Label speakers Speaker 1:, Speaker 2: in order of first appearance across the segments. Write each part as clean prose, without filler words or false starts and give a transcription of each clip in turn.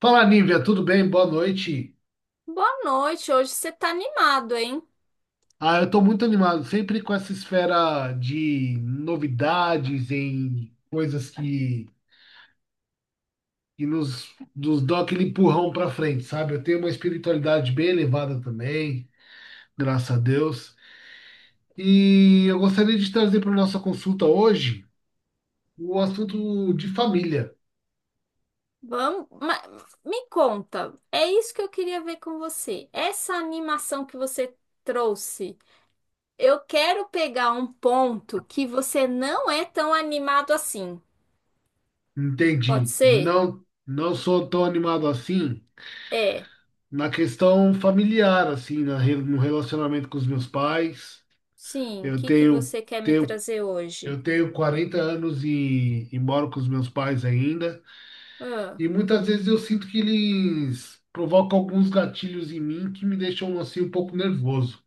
Speaker 1: Fala, Nívia, tudo bem? Boa noite.
Speaker 2: Boa noite, hoje você tá animado, hein?
Speaker 1: Eu tô muito animado, sempre com essa esfera de novidades em coisas que nos dão aquele empurrão pra frente, sabe? Eu tenho uma espiritualidade bem elevada também, graças a Deus. E eu gostaria de trazer para nossa consulta hoje o assunto de família.
Speaker 2: Vamos, me conta, é isso que eu queria ver com você. Essa animação que você trouxe, eu quero pegar um ponto que você não é tão animado assim. Pode
Speaker 1: Entendi.
Speaker 2: ser?
Speaker 1: Não, não sou tão animado assim
Speaker 2: É.
Speaker 1: na questão familiar, assim, no relacionamento com os meus pais.
Speaker 2: Sim, o
Speaker 1: Eu
Speaker 2: que que
Speaker 1: tenho,
Speaker 2: você quer me
Speaker 1: tenho,
Speaker 2: trazer hoje?
Speaker 1: eu tenho 40 anos e moro com os meus pais ainda.
Speaker 2: Ah,
Speaker 1: E muitas vezes eu sinto que eles provocam alguns gatilhos em mim que me deixam assim um pouco nervoso.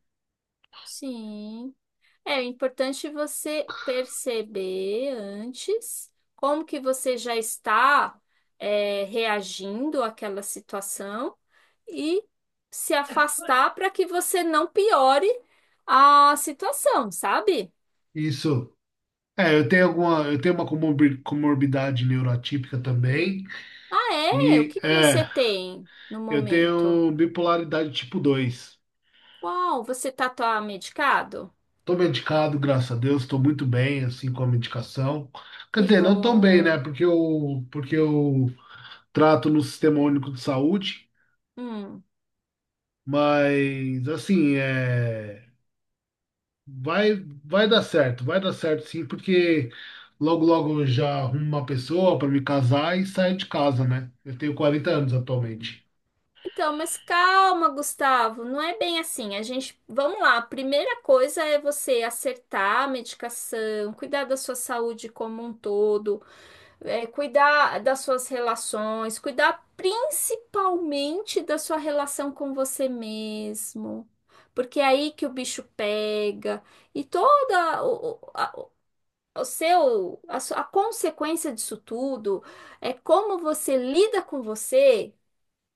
Speaker 2: sim. É o importante você perceber antes como que você já está reagindo àquela situação e se afastar para que você não piore a situação, sabe?
Speaker 1: Isso. Eu tenho uma comorbidade neuroatípica também.
Speaker 2: Ah, é? O
Speaker 1: E
Speaker 2: que que você
Speaker 1: é,
Speaker 2: tem no
Speaker 1: eu
Speaker 2: momento?
Speaker 1: tenho bipolaridade tipo 2.
Speaker 2: Uau, você tá medicado?
Speaker 1: Tô medicado, graças a Deus, estou muito bem assim com a medicação. Quer
Speaker 2: Que
Speaker 1: dizer, não tão bem, né?
Speaker 2: bom.
Speaker 1: Porque eu trato no Sistema Único de Saúde.
Speaker 2: Hum.
Speaker 1: Mas assim, é, vai vai dar certo sim, porque logo logo eu já arrumo uma pessoa para me casar e sair de casa, né? Eu tenho 40 anos atualmente.
Speaker 2: Então, mas calma, Gustavo, não é bem assim. A gente, vamos lá. A primeira coisa é você acertar a medicação, cuidar da sua saúde como um todo, cuidar das suas relações, cuidar principalmente da sua relação com você mesmo, porque é aí que o bicho pega e toda o- a, o seu a, sua- a consequência disso tudo é como você lida com você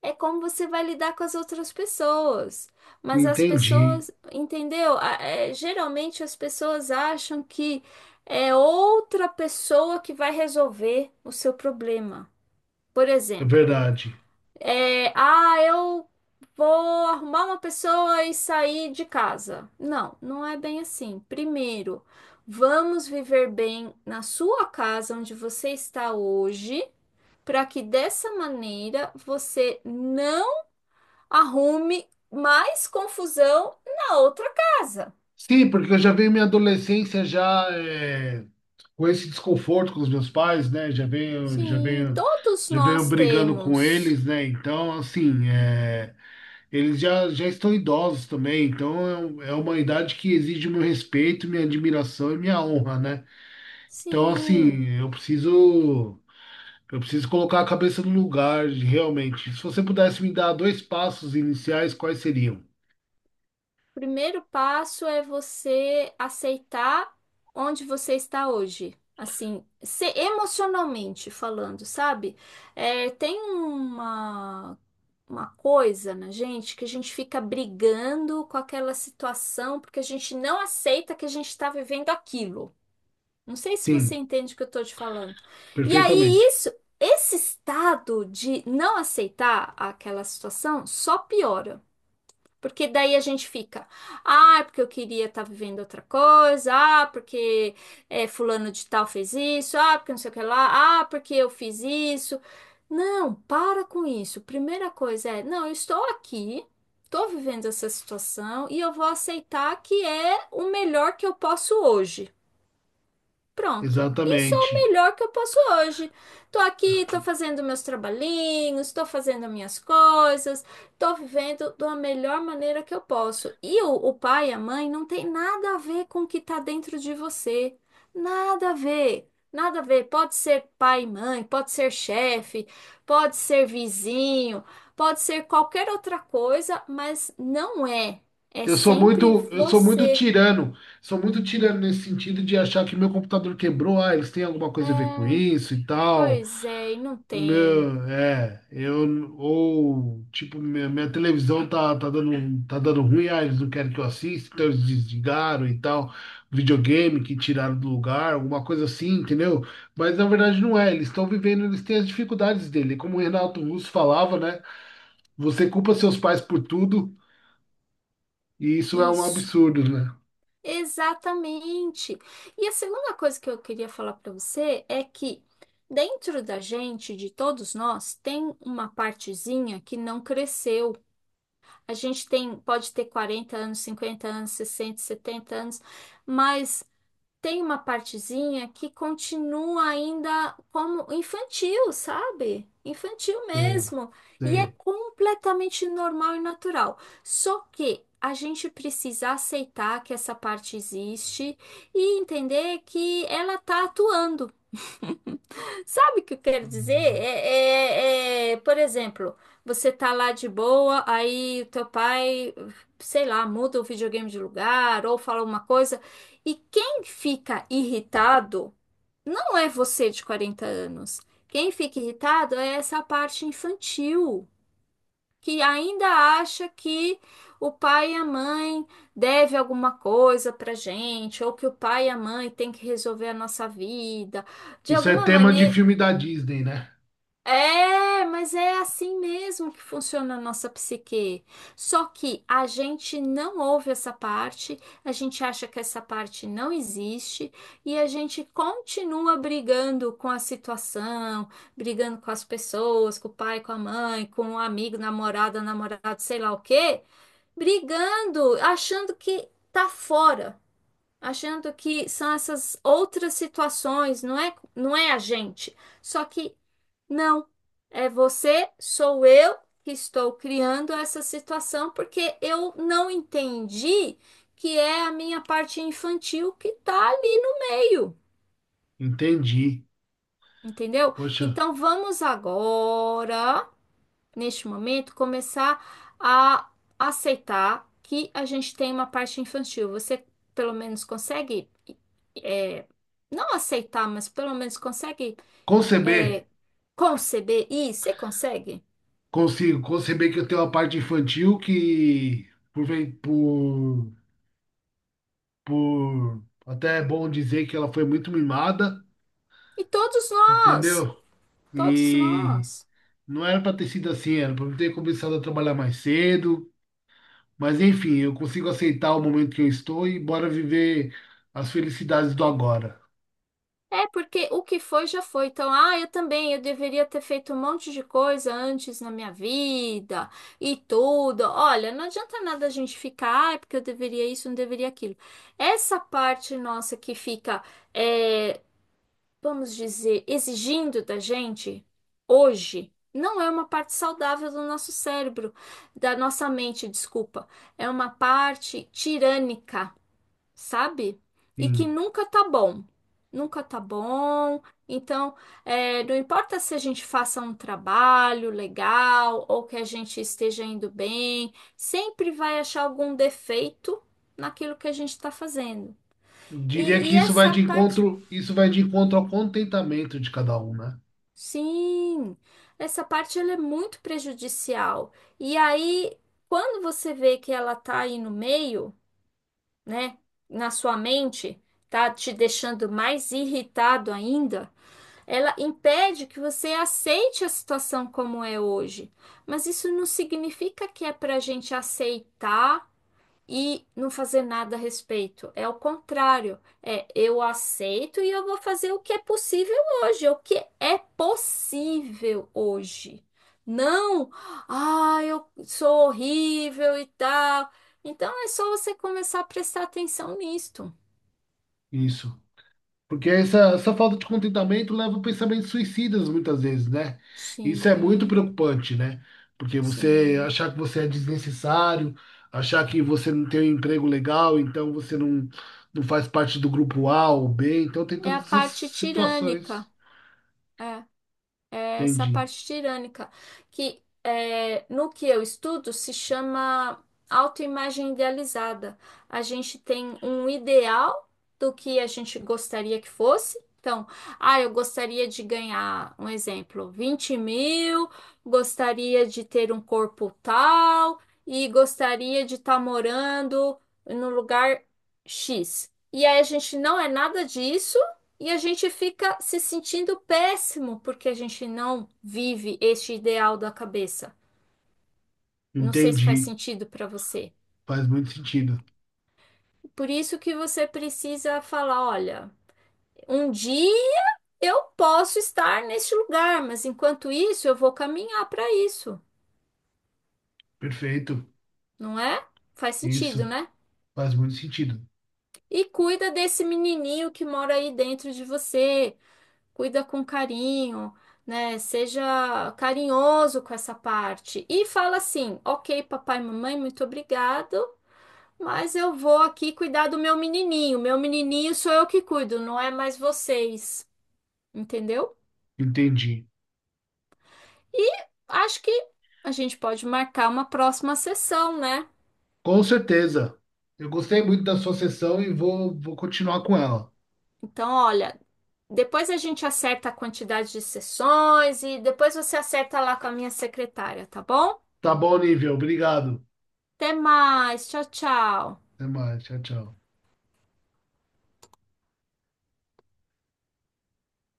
Speaker 2: é como você vai lidar com as outras pessoas. Mas as
Speaker 1: Entendi,
Speaker 2: pessoas, entendeu? Geralmente as pessoas acham que é outra pessoa que vai resolver o seu problema. Por
Speaker 1: é
Speaker 2: exemplo,
Speaker 1: verdade.
Speaker 2: eu vou arrumar uma pessoa e sair de casa. Não, não é bem assim. Primeiro, vamos viver bem na sua casa onde você está hoje, para que dessa maneira você não arrume mais confusão na outra casa.
Speaker 1: Sim, porque eu já venho minha adolescência já é, com esse desconforto com os meus pais, né? Já venho já
Speaker 2: Sim,
Speaker 1: venho
Speaker 2: todos
Speaker 1: já venho
Speaker 2: nós
Speaker 1: brigando com
Speaker 2: temos.
Speaker 1: eles, né? Então, assim, é, eles já estão idosos também, então é, é uma idade que exige meu respeito, minha admiração e minha honra, né? Então,
Speaker 2: Sim.
Speaker 1: assim, eu preciso colocar a cabeça no lugar, realmente. Se você pudesse me dar dois passos iniciais, quais seriam?
Speaker 2: O primeiro passo é você aceitar onde você está hoje. Assim, se emocionalmente falando, sabe? É, tem uma coisa na gente que a gente fica brigando com aquela situação porque a gente não aceita que a gente está vivendo aquilo. Não sei se você
Speaker 1: Sim,
Speaker 2: entende o que eu tô te falando. E aí,
Speaker 1: perfeitamente.
Speaker 2: isso, esse estado de não aceitar aquela situação só piora. Porque daí a gente fica, ah, porque eu queria estar vivendo outra coisa, ah, porque fulano de tal fez isso, ah, porque não sei o que lá, ah, porque eu fiz isso. Não, para com isso. Primeira coisa é, não, eu estou aqui, estou vivendo essa situação e eu vou aceitar que é o melhor que eu posso hoje. Pronto. Isso é o
Speaker 1: Exatamente.
Speaker 2: melhor que eu posso hoje. Tô aqui, tô fazendo meus trabalhinhos, tô fazendo minhas coisas, tô vivendo da melhor maneira que eu posso. E o pai e a mãe não tem nada a ver com o que tá dentro de você. Nada a ver. Nada a ver. Pode ser pai e mãe, pode ser chefe, pode ser vizinho, pode ser qualquer outra coisa, mas não é. É sempre
Speaker 1: Eu sou muito
Speaker 2: você.
Speaker 1: tirano. Sou muito tirano nesse sentido de achar que meu computador quebrou, ah, eles têm alguma
Speaker 2: É,
Speaker 1: coisa a ver com isso e tal.
Speaker 2: pois é, e não tem.
Speaker 1: Meu, é, eu ou tipo minha, minha televisão tá dando ruim, ah, eles não querem que eu assista, então eles desligaram e tal, videogame que tiraram do lugar, alguma coisa assim, entendeu? Mas na verdade não é, eles estão vivendo, eles têm as dificuldades dele, como o Renato Russo falava, né? Você culpa seus pais por tudo e isso é um
Speaker 2: Isso,
Speaker 1: absurdo, né?
Speaker 2: exatamente. E a segunda coisa que eu queria falar para você é que dentro da gente, de todos nós, tem uma partezinha que não cresceu. A gente tem, pode ter 40 anos, 50 anos, 60, 70 anos, mas tem uma partezinha que continua ainda como infantil, sabe? Infantil
Speaker 1: Sim,
Speaker 2: mesmo. E é
Speaker 1: sim.
Speaker 2: completamente normal e natural. Só que a gente precisa aceitar que essa parte existe e entender que ela tá atuando. Sabe o que eu quero dizer? Por exemplo, você tá lá de boa, aí o teu pai, sei lá, muda o videogame de lugar ou fala uma coisa, e quem fica irritado não é você de 40 anos. Quem fica irritado é essa parte infantil, que ainda acha que o pai e a mãe devem alguma coisa pra gente, ou que o pai e a mãe têm que resolver a nossa vida. De
Speaker 1: Isso é
Speaker 2: alguma
Speaker 1: tema de
Speaker 2: maneira,
Speaker 1: filme da Disney, né?
Speaker 2: mas é assim mesmo que funciona a nossa psique. Só que a gente não ouve essa parte, a gente acha que essa parte não existe e a gente continua brigando com a situação, brigando com as pessoas, com o pai, com a mãe, com o amigo, namorada, namorado, sei lá o quê, brigando, achando que tá fora, achando que são essas outras situações, não é, não é a gente. Só que não, é você, sou eu que estou criando essa situação porque eu não entendi que é a minha parte infantil que tá ali no meio,
Speaker 1: Entendi.
Speaker 2: entendeu?
Speaker 1: Poxa,
Speaker 2: Então vamos agora, neste momento, começar a aceitar que a gente tem uma parte infantil. Você pelo menos consegue não aceitar, mas pelo menos consegue é,
Speaker 1: conceber.
Speaker 2: conceber isso? Você consegue?
Speaker 1: Consigo conceber que eu tenho uma parte infantil que, por até é bom dizer que ela foi muito mimada,
Speaker 2: E todos nós,
Speaker 1: entendeu?
Speaker 2: todos
Speaker 1: E
Speaker 2: nós.
Speaker 1: não era para ter sido assim, era para ter começado a trabalhar mais cedo. Mas enfim, eu consigo aceitar o momento que eu estou e bora viver as felicidades do agora.
Speaker 2: É porque o que foi já foi. Então, ah, eu também, eu deveria ter feito um monte de coisa antes na minha vida e tudo. Olha, não adianta nada a gente ficar, ah, porque eu deveria isso, não deveria aquilo. Essa parte nossa que fica, é, vamos dizer, exigindo da gente hoje, não é uma parte saudável do nosso cérebro, da nossa mente, desculpa. É uma parte tirânica, sabe? E que
Speaker 1: Sim.
Speaker 2: nunca tá bom. Nunca tá bom. Então, não importa se a gente faça um trabalho legal ou que a gente esteja indo bem, sempre vai achar algum defeito naquilo que a gente está fazendo.
Speaker 1: Diria
Speaker 2: E,
Speaker 1: que
Speaker 2: e
Speaker 1: isso vai
Speaker 2: essa
Speaker 1: de
Speaker 2: parte,
Speaker 1: encontro, isso vai de encontro ao contentamento de cada um, né?
Speaker 2: sim, essa parte ela é muito prejudicial. E aí, quando você vê que ela tá aí no meio, né, na sua mente, tá te deixando mais irritado ainda. Ela impede que você aceite a situação como é hoje. Mas isso não significa que é para a gente aceitar e não fazer nada a respeito. É o contrário. É eu aceito e eu vou fazer o que é possível hoje, o que é possível hoje. Não, ah, eu sou horrível e tal. Então é só você começar a prestar atenção nisto.
Speaker 1: Isso. Porque essa falta de contentamento leva a pensamentos suicidas muitas vezes, né? Isso é muito
Speaker 2: Sim,
Speaker 1: preocupante, né? Porque você
Speaker 2: sim.
Speaker 1: achar que você é desnecessário, achar que você não tem um emprego legal, então você não, não faz parte do grupo A ou B. Então tem
Speaker 2: É a
Speaker 1: todas essas
Speaker 2: parte tirânica.
Speaker 1: situações.
Speaker 2: É, é essa
Speaker 1: Entendi.
Speaker 2: parte tirânica, que no que eu estudo se chama autoimagem idealizada. A gente tem um ideal do que a gente gostaria que fosse. Então, ah, eu gostaria de ganhar, um exemplo, 20 mil, gostaria de ter um corpo tal e gostaria de estar morando no lugar X. E aí a gente não é nada disso. E a gente fica se sentindo péssimo porque a gente não vive este ideal da cabeça. Não sei se faz
Speaker 1: Entendi.
Speaker 2: sentido para você.
Speaker 1: Faz muito sentido.
Speaker 2: Por isso que você precisa falar, olha, um dia eu posso estar neste lugar, mas enquanto isso eu vou caminhar para isso,
Speaker 1: Perfeito.
Speaker 2: não é? Faz sentido,
Speaker 1: Isso.
Speaker 2: né?
Speaker 1: Faz muito sentido.
Speaker 2: E cuida desse menininho que mora aí dentro de você. Cuida com carinho, né? Seja carinhoso com essa parte. E fala assim: ok, papai e mamãe, muito obrigado, mas eu vou aqui cuidar do meu menininho. Meu menininho sou eu que cuido, não é mais vocês, entendeu?
Speaker 1: Entendi.
Speaker 2: E acho que a gente pode marcar uma próxima sessão, né?
Speaker 1: Com certeza. Eu gostei muito da sua sessão e vou continuar com ela.
Speaker 2: Então, olha. Depois a gente acerta a quantidade de sessões e depois você acerta lá com a minha secretária, tá bom?
Speaker 1: Tá bom, nível. Obrigado.
Speaker 2: Até mais, tchau, tchau.
Speaker 1: Até mais. Tchau, tchau.